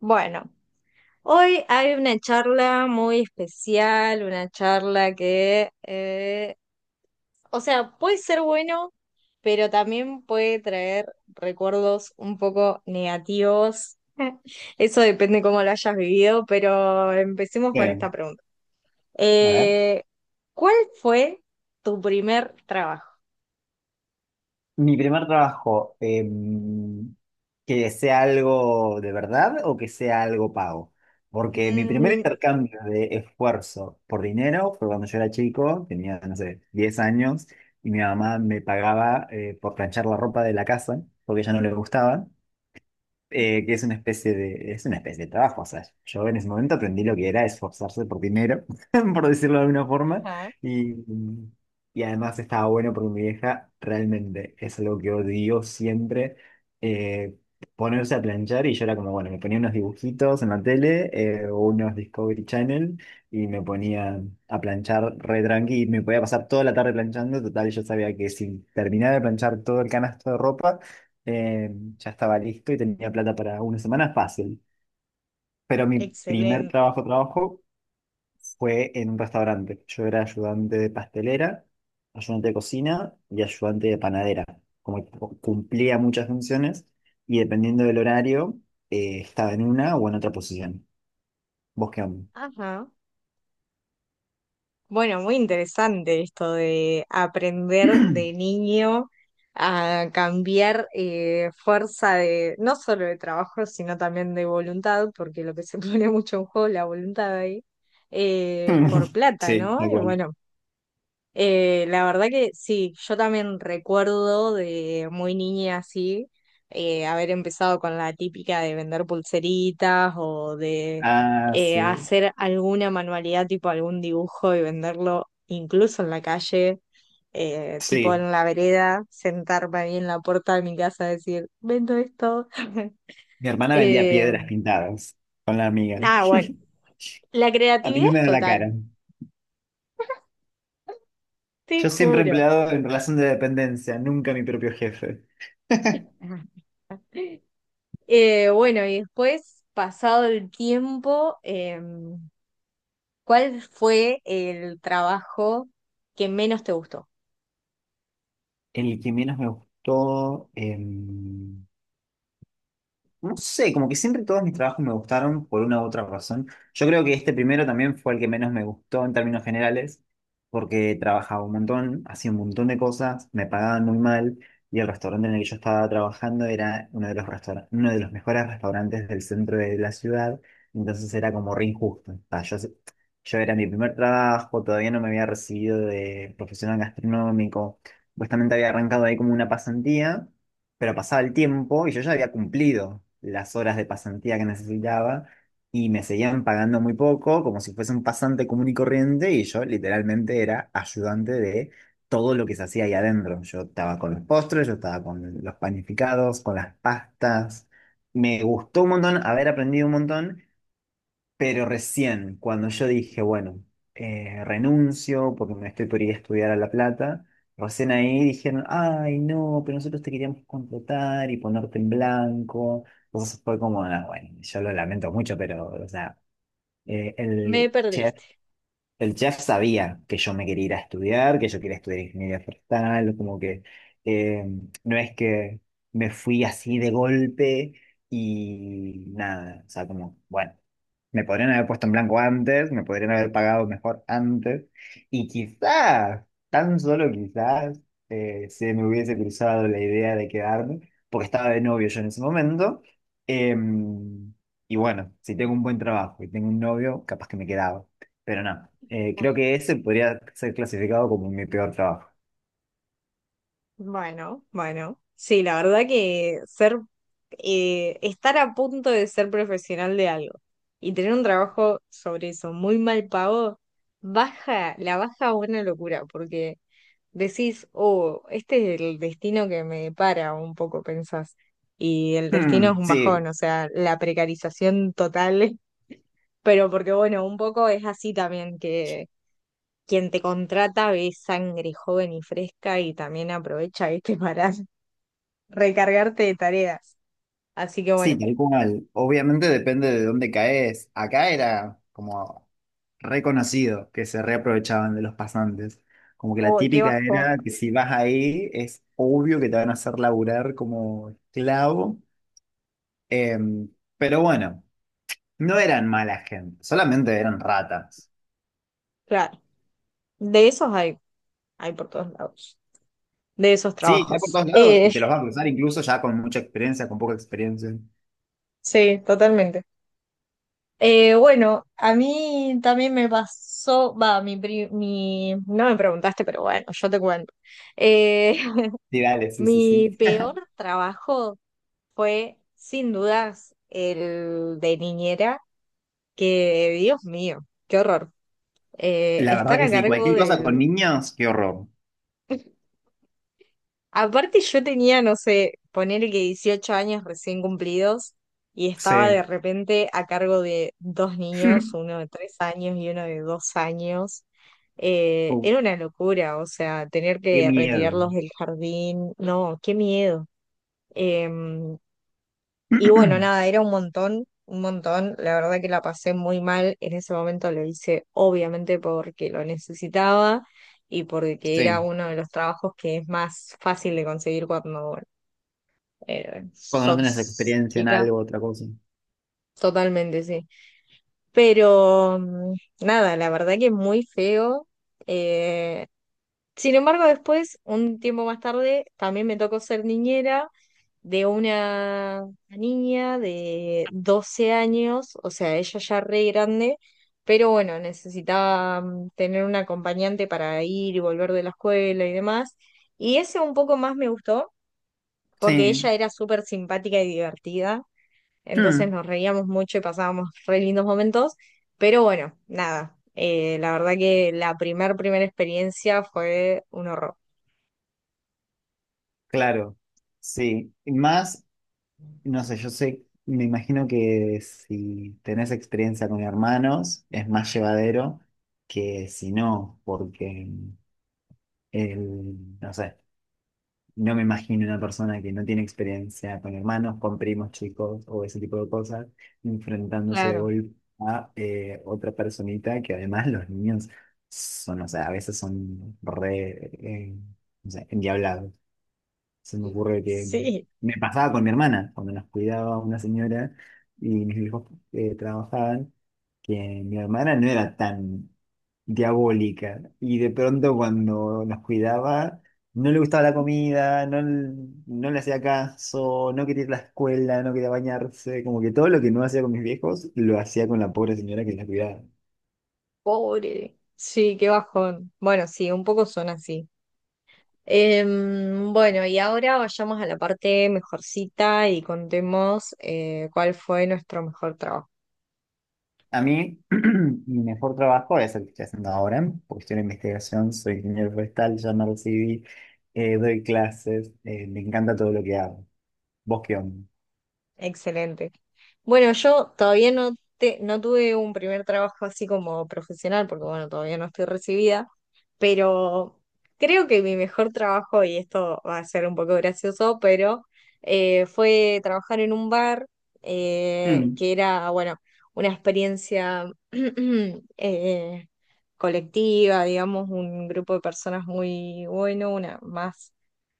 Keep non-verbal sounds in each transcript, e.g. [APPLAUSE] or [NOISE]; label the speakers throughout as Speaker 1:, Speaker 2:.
Speaker 1: Bueno, hoy hay una charla muy especial, una charla que, o sea, puede ser bueno, pero también puede traer recuerdos un poco negativos. [LAUGHS] Eso depende cómo lo hayas vivido, pero empecemos con esta
Speaker 2: Bien,
Speaker 1: pregunta.
Speaker 2: a ver.
Speaker 1: Eh, ¿Cuál fue tu primer trabajo?
Speaker 2: Mi primer trabajo, que sea algo de verdad o que sea algo pago. Porque mi primer
Speaker 1: Mm,
Speaker 2: intercambio de esfuerzo por dinero fue cuando yo era chico, tenía, no sé, 10 años, y mi mamá me pagaba por planchar la ropa de la casa, porque a ella no le gustaba. Que es una especie de, es una especie de trabajo. O sea, yo en ese momento aprendí lo que era esforzarse por dinero, [LAUGHS] por decirlo de alguna forma,
Speaker 1: ajá,
Speaker 2: y, y además estaba bueno porque mi vieja realmente es algo que odió siempre, eh, ponerse a planchar y yo era como, bueno, me ponía unos dibujitos en la tele o unos Discovery Channel y me ponía a planchar re tranqui y me podía pasar toda la tarde planchando, total yo sabía que si terminaba de planchar todo el canasto de ropa, eh, ya estaba listo y tenía plata para una semana fácil. Pero mi primer
Speaker 1: excelente.
Speaker 2: trabajo, trabajo fue en un restaurante. Yo era ayudante de pastelera, ayudante de cocina y ayudante de panadera. Como que cumplía muchas funciones y dependiendo del horario, estaba en una o en otra posición. ¿Vos qué onda?
Speaker 1: Ajá. Bueno, muy interesante esto de aprender de niño a cambiar fuerza de, no solo de trabajo, sino también de voluntad, porque lo que se [LAUGHS] pone mucho en juego es la voluntad ahí, por
Speaker 2: [LAUGHS]
Speaker 1: plata,
Speaker 2: Sí,
Speaker 1: ¿no?
Speaker 2: tal
Speaker 1: Y
Speaker 2: cual.
Speaker 1: bueno, la verdad que sí, yo también recuerdo de muy niña así, haber empezado con la típica de vender pulseritas o de
Speaker 2: Ah,
Speaker 1: eh,
Speaker 2: sí.
Speaker 1: hacer alguna manualidad, tipo algún dibujo y venderlo incluso en la calle, tipo
Speaker 2: Sí.
Speaker 1: en la vereda, sentarme ahí en la puerta de mi casa a decir, vendo esto. [LAUGHS]
Speaker 2: Mi hermana vendía
Speaker 1: Eh,
Speaker 2: piedras pintadas con la amiga.
Speaker 1: nada, bueno,
Speaker 2: [LAUGHS]
Speaker 1: la
Speaker 2: A mí
Speaker 1: creatividad
Speaker 2: no
Speaker 1: es
Speaker 2: me da la
Speaker 1: total,
Speaker 2: cara.
Speaker 1: te
Speaker 2: Yo siempre
Speaker 1: juro.
Speaker 2: empleado en relación de dependencia, nunca mi propio jefe. [LAUGHS]
Speaker 1: Bueno, y después, pasado el tiempo, ¿cuál fue el trabajo que menos te gustó?
Speaker 2: El que menos me gustó, no sé, como que siempre todos mis trabajos me gustaron por una u otra razón. Yo creo que este primero también fue el que menos me gustó en términos generales, porque trabajaba un montón, hacía un montón de cosas, me pagaban muy mal y el restaurante en el que yo estaba trabajando era uno de los restaura- uno de los mejores restaurantes del centro de la ciudad, entonces era como re injusto. O sea, yo era mi primer trabajo, todavía no me había recibido de profesional gastronómico, supuestamente había arrancado ahí como una pasantía. Pero pasaba el tiempo y yo ya había cumplido las horas de pasantía que necesitaba y me seguían pagando muy poco, como si fuese un pasante común y corriente, y yo literalmente era ayudante de todo lo que se hacía ahí adentro. Yo estaba con los postres, yo estaba con los panificados, con las pastas. Me gustó un montón haber aprendido un montón, pero recién, cuando yo dije, bueno, renuncio porque me estoy por ir a estudiar a La Plata, recién ahí dijeron, ay, no, pero nosotros te queríamos contratar y ponerte en blanco. Entonces fue como, "Ah, bueno, yo lo lamento mucho, pero, o sea, eh,
Speaker 1: Me
Speaker 2: el chef,
Speaker 1: perdiste.
Speaker 2: el chef sabía que yo me quería ir a estudiar, que yo quería estudiar ingeniería forestal, como que eh, no es que me fui así de golpe y nada, o sea, como, bueno. Me podrían haber puesto en blanco antes, me podrían haber pagado mejor antes, y quizás, tan solo quizás, se me hubiese cruzado la idea de quedarme, porque estaba de novio yo en ese momento. em, y bueno, si tengo un buen trabajo y tengo un novio, capaz que me quedaba. Pero no,
Speaker 1: Ah,
Speaker 2: creo que ese podría ser clasificado como mi peor trabajo.
Speaker 1: bueno, bueno. Sí, la verdad que ser, estar a punto de ser profesional de algo y tener un trabajo sobre eso muy mal pago, baja, la baja a una locura, porque decís, oh, este es el destino que me depara, un poco pensás. Y el destino es
Speaker 2: Hmm,
Speaker 1: un bajón,
Speaker 2: sí,
Speaker 1: o sea, la precarización total, [LAUGHS] pero porque bueno, un poco es así también que quien te contrata ve sangre joven y fresca y también aprovecha, viste, [LAUGHS] para recargarte de tareas. Así que
Speaker 2: sí,
Speaker 1: bueno,
Speaker 2: tal cual. Obviamente depende de dónde caes. Acá era como reconocido que se reaprovechaban de los pasantes. Como que la
Speaker 1: oh, qué
Speaker 2: típica
Speaker 1: bajón.
Speaker 2: era que si vas ahí es obvio que te van a hacer laburar como esclavo. Em, pero bueno, no eran mala gente, solamente eran ratas.
Speaker 1: Claro, de esos hay, hay por todos lados, de esos
Speaker 2: Sí, hay por
Speaker 1: trabajos.
Speaker 2: todos lados y te los vas a cruzar incluso ya con mucha experiencia, con poca experiencia.
Speaker 1: [LAUGHS] Sí, totalmente. Bueno, a mí también me pasó, va, mi, no me preguntaste, pero bueno, yo te cuento. Eh,
Speaker 2: Sí,
Speaker 1: [LAUGHS]
Speaker 2: dale, sí, sí,
Speaker 1: mi
Speaker 2: sí.
Speaker 1: peor trabajo fue, sin dudas, el de niñera, que, Dios mío, qué horror.
Speaker 2: La verdad
Speaker 1: Estar
Speaker 2: que
Speaker 1: a
Speaker 2: sí,
Speaker 1: cargo
Speaker 2: cualquier cosa con
Speaker 1: del.
Speaker 2: niños, qué horror.
Speaker 1: Aparte yo tenía, no sé, ponerle que 18 años recién cumplidos y estaba de
Speaker 2: Sí.
Speaker 1: repente a cargo de dos niños, uno
Speaker 2: [LAUGHS]
Speaker 1: de tres años y uno de dos años.
Speaker 2: Oh,
Speaker 1: Era una locura, o sea, tener
Speaker 2: qué
Speaker 1: que
Speaker 2: miedo.
Speaker 1: retirarlos del jardín, no, qué miedo. Eh, y bueno, nada,
Speaker 2: [CLEARS THROAT]
Speaker 1: era un montón, un montón. La verdad que la pasé muy mal. En ese momento lo hice obviamente porque lo necesitaba y porque era
Speaker 2: Sí,
Speaker 1: uno de los trabajos que es más fácil de conseguir cuando
Speaker 2: cuando no tenés
Speaker 1: sos
Speaker 2: experiencia en
Speaker 1: chica.
Speaker 2: algo, otra cosa.
Speaker 1: Totalmente, sí. Pero mm, nada, la verdad que es muy feo. Eh, sin embargo, después, un tiempo más tarde, también me tocó ser niñera de una niña de 12 años, o sea, ella ya re grande, pero bueno, necesitaba mm, tener un acompañante para ir y volver de la escuela y demás. Y ese un poco más me gustó porque ella
Speaker 2: Sí.
Speaker 1: era súper simpática y divertida, entonces
Speaker 2: Hmm.
Speaker 1: nos reíamos mucho y pasábamos re lindos momentos, pero bueno, nada, la verdad que la primera experiencia fue un horror.
Speaker 2: Claro, sí. Y más, no sé, yo sé, me imagino que si tenés experiencia con hermanos es más llevadero que si no, porque el, no sé, no me imagino una persona que no tiene experiencia con hermanos, con primos chicos o ese tipo de cosas, enfrentándose de
Speaker 1: Claro.
Speaker 2: golpe a otra personita que además los niños son, o sea, a veces son re, no sé, endiablados. Se me ocurre que
Speaker 1: Sí.
Speaker 2: me pasaba con mi hermana, cuando nos cuidaba una señora y mis hijos trabajaban, que mi hermana no era tan diabólica y de pronto cuando nos cuidaba no le gustaba la comida, no, no le hacía caso, no quería ir a la escuela, no quería bañarse, como que todo lo que no hacía con mis viejos lo hacía con la pobre señora que la cuidaba.
Speaker 1: Pobre. Sí, qué bajón. Bueno, sí, un poco son así. Bueno, y ahora vayamos a la parte mejorcita y contemos cuál fue nuestro mejor trabajo.
Speaker 2: A mí, [CLEARS THROAT] mi mejor trabajo es el que estoy haciendo ahora, porque estoy en investigación, soy ingeniero forestal, ya me recibí, doy clases, me encanta todo lo que hago. ¿Vos qué onda?
Speaker 1: Excelente. Bueno, yo todavía no, te, no tuve un primer trabajo así como profesional, porque bueno, todavía no estoy recibida, pero creo que mi mejor trabajo, y esto va a ser un poco gracioso, pero fue trabajar en un bar
Speaker 2: Mm,
Speaker 1: que era, bueno, una experiencia [CLEARS THROAT] eh, colectiva, digamos, un grupo de personas muy bueno, una más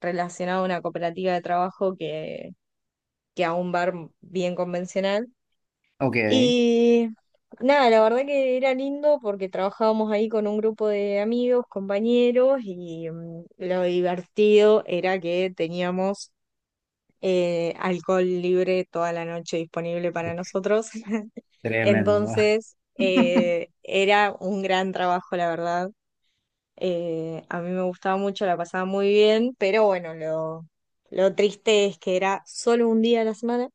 Speaker 1: relacionada a una cooperativa de trabajo que a un bar bien convencional.
Speaker 2: ok.
Speaker 1: Y nada, la verdad que era lindo porque trabajábamos ahí con un grupo de amigos, compañeros, y mm, lo divertido era que teníamos alcohol libre toda la noche disponible para nosotros. [LAUGHS]
Speaker 2: Tremendo.
Speaker 1: Entonces,
Speaker 2: [LAUGHS]
Speaker 1: era un gran trabajo, la verdad. A mí me gustaba mucho, la pasaba muy bien, pero bueno, lo triste es que era solo un día a la semana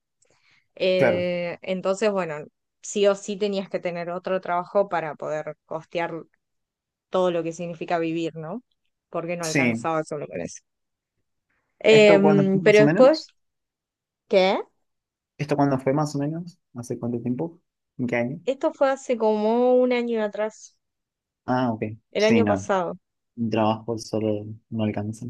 Speaker 2: Claro,
Speaker 1: entonces, bueno, sí o sí tenías que tener otro trabajo para poder costear todo lo que significa vivir, ¿no? Porque no
Speaker 2: sí.
Speaker 1: alcanzaba solo con eso.
Speaker 2: ¿Esto cuándo fue
Speaker 1: Pero
Speaker 2: más o
Speaker 1: después,
Speaker 2: menos?
Speaker 1: ¿qué?
Speaker 2: ¿Esto cuándo fue más o menos? ¿Hace cuánto tiempo? ¿En qué año?
Speaker 1: Esto fue hace como un año atrás,
Speaker 2: Ah, ok.
Speaker 1: el
Speaker 2: Sí,
Speaker 1: año
Speaker 2: no.
Speaker 1: pasado.
Speaker 2: Un trabajo solo no alcanza.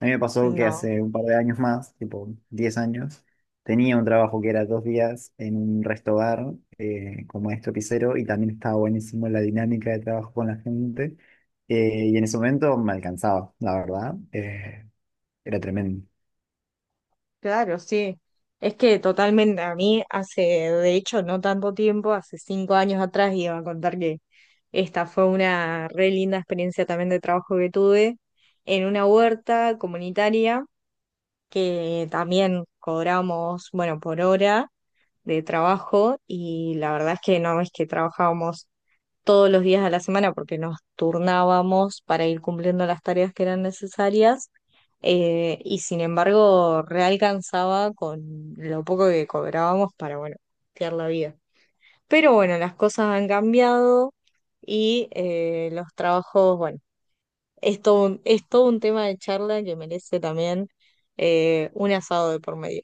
Speaker 2: A mí me pasó que
Speaker 1: No,
Speaker 2: hace un par de años más, tipo 10 años, tenía un trabajo que era 2 días en un resto bar como maestro pisero y también estaba buenísimo la dinámica de trabajo con la gente. Y en ese momento me alcanzaba, la verdad. Era tremendo.
Speaker 1: claro, sí. Es que totalmente, a mí hace, de hecho, no tanto tiempo, hace 5 años atrás iba a contar que esta fue una re linda experiencia también de trabajo que tuve en una huerta comunitaria que también cobramos, bueno, por hora de trabajo y la verdad es que no es que trabajábamos todos los días de la semana porque nos turnábamos para ir cumpliendo las tareas que eran necesarias y sin embargo realcanzaba con lo poco que cobrábamos para, bueno, costear la vida. Pero bueno, las cosas han cambiado y los trabajos, bueno, es todo un tema de charla que merece también un asado de por medio.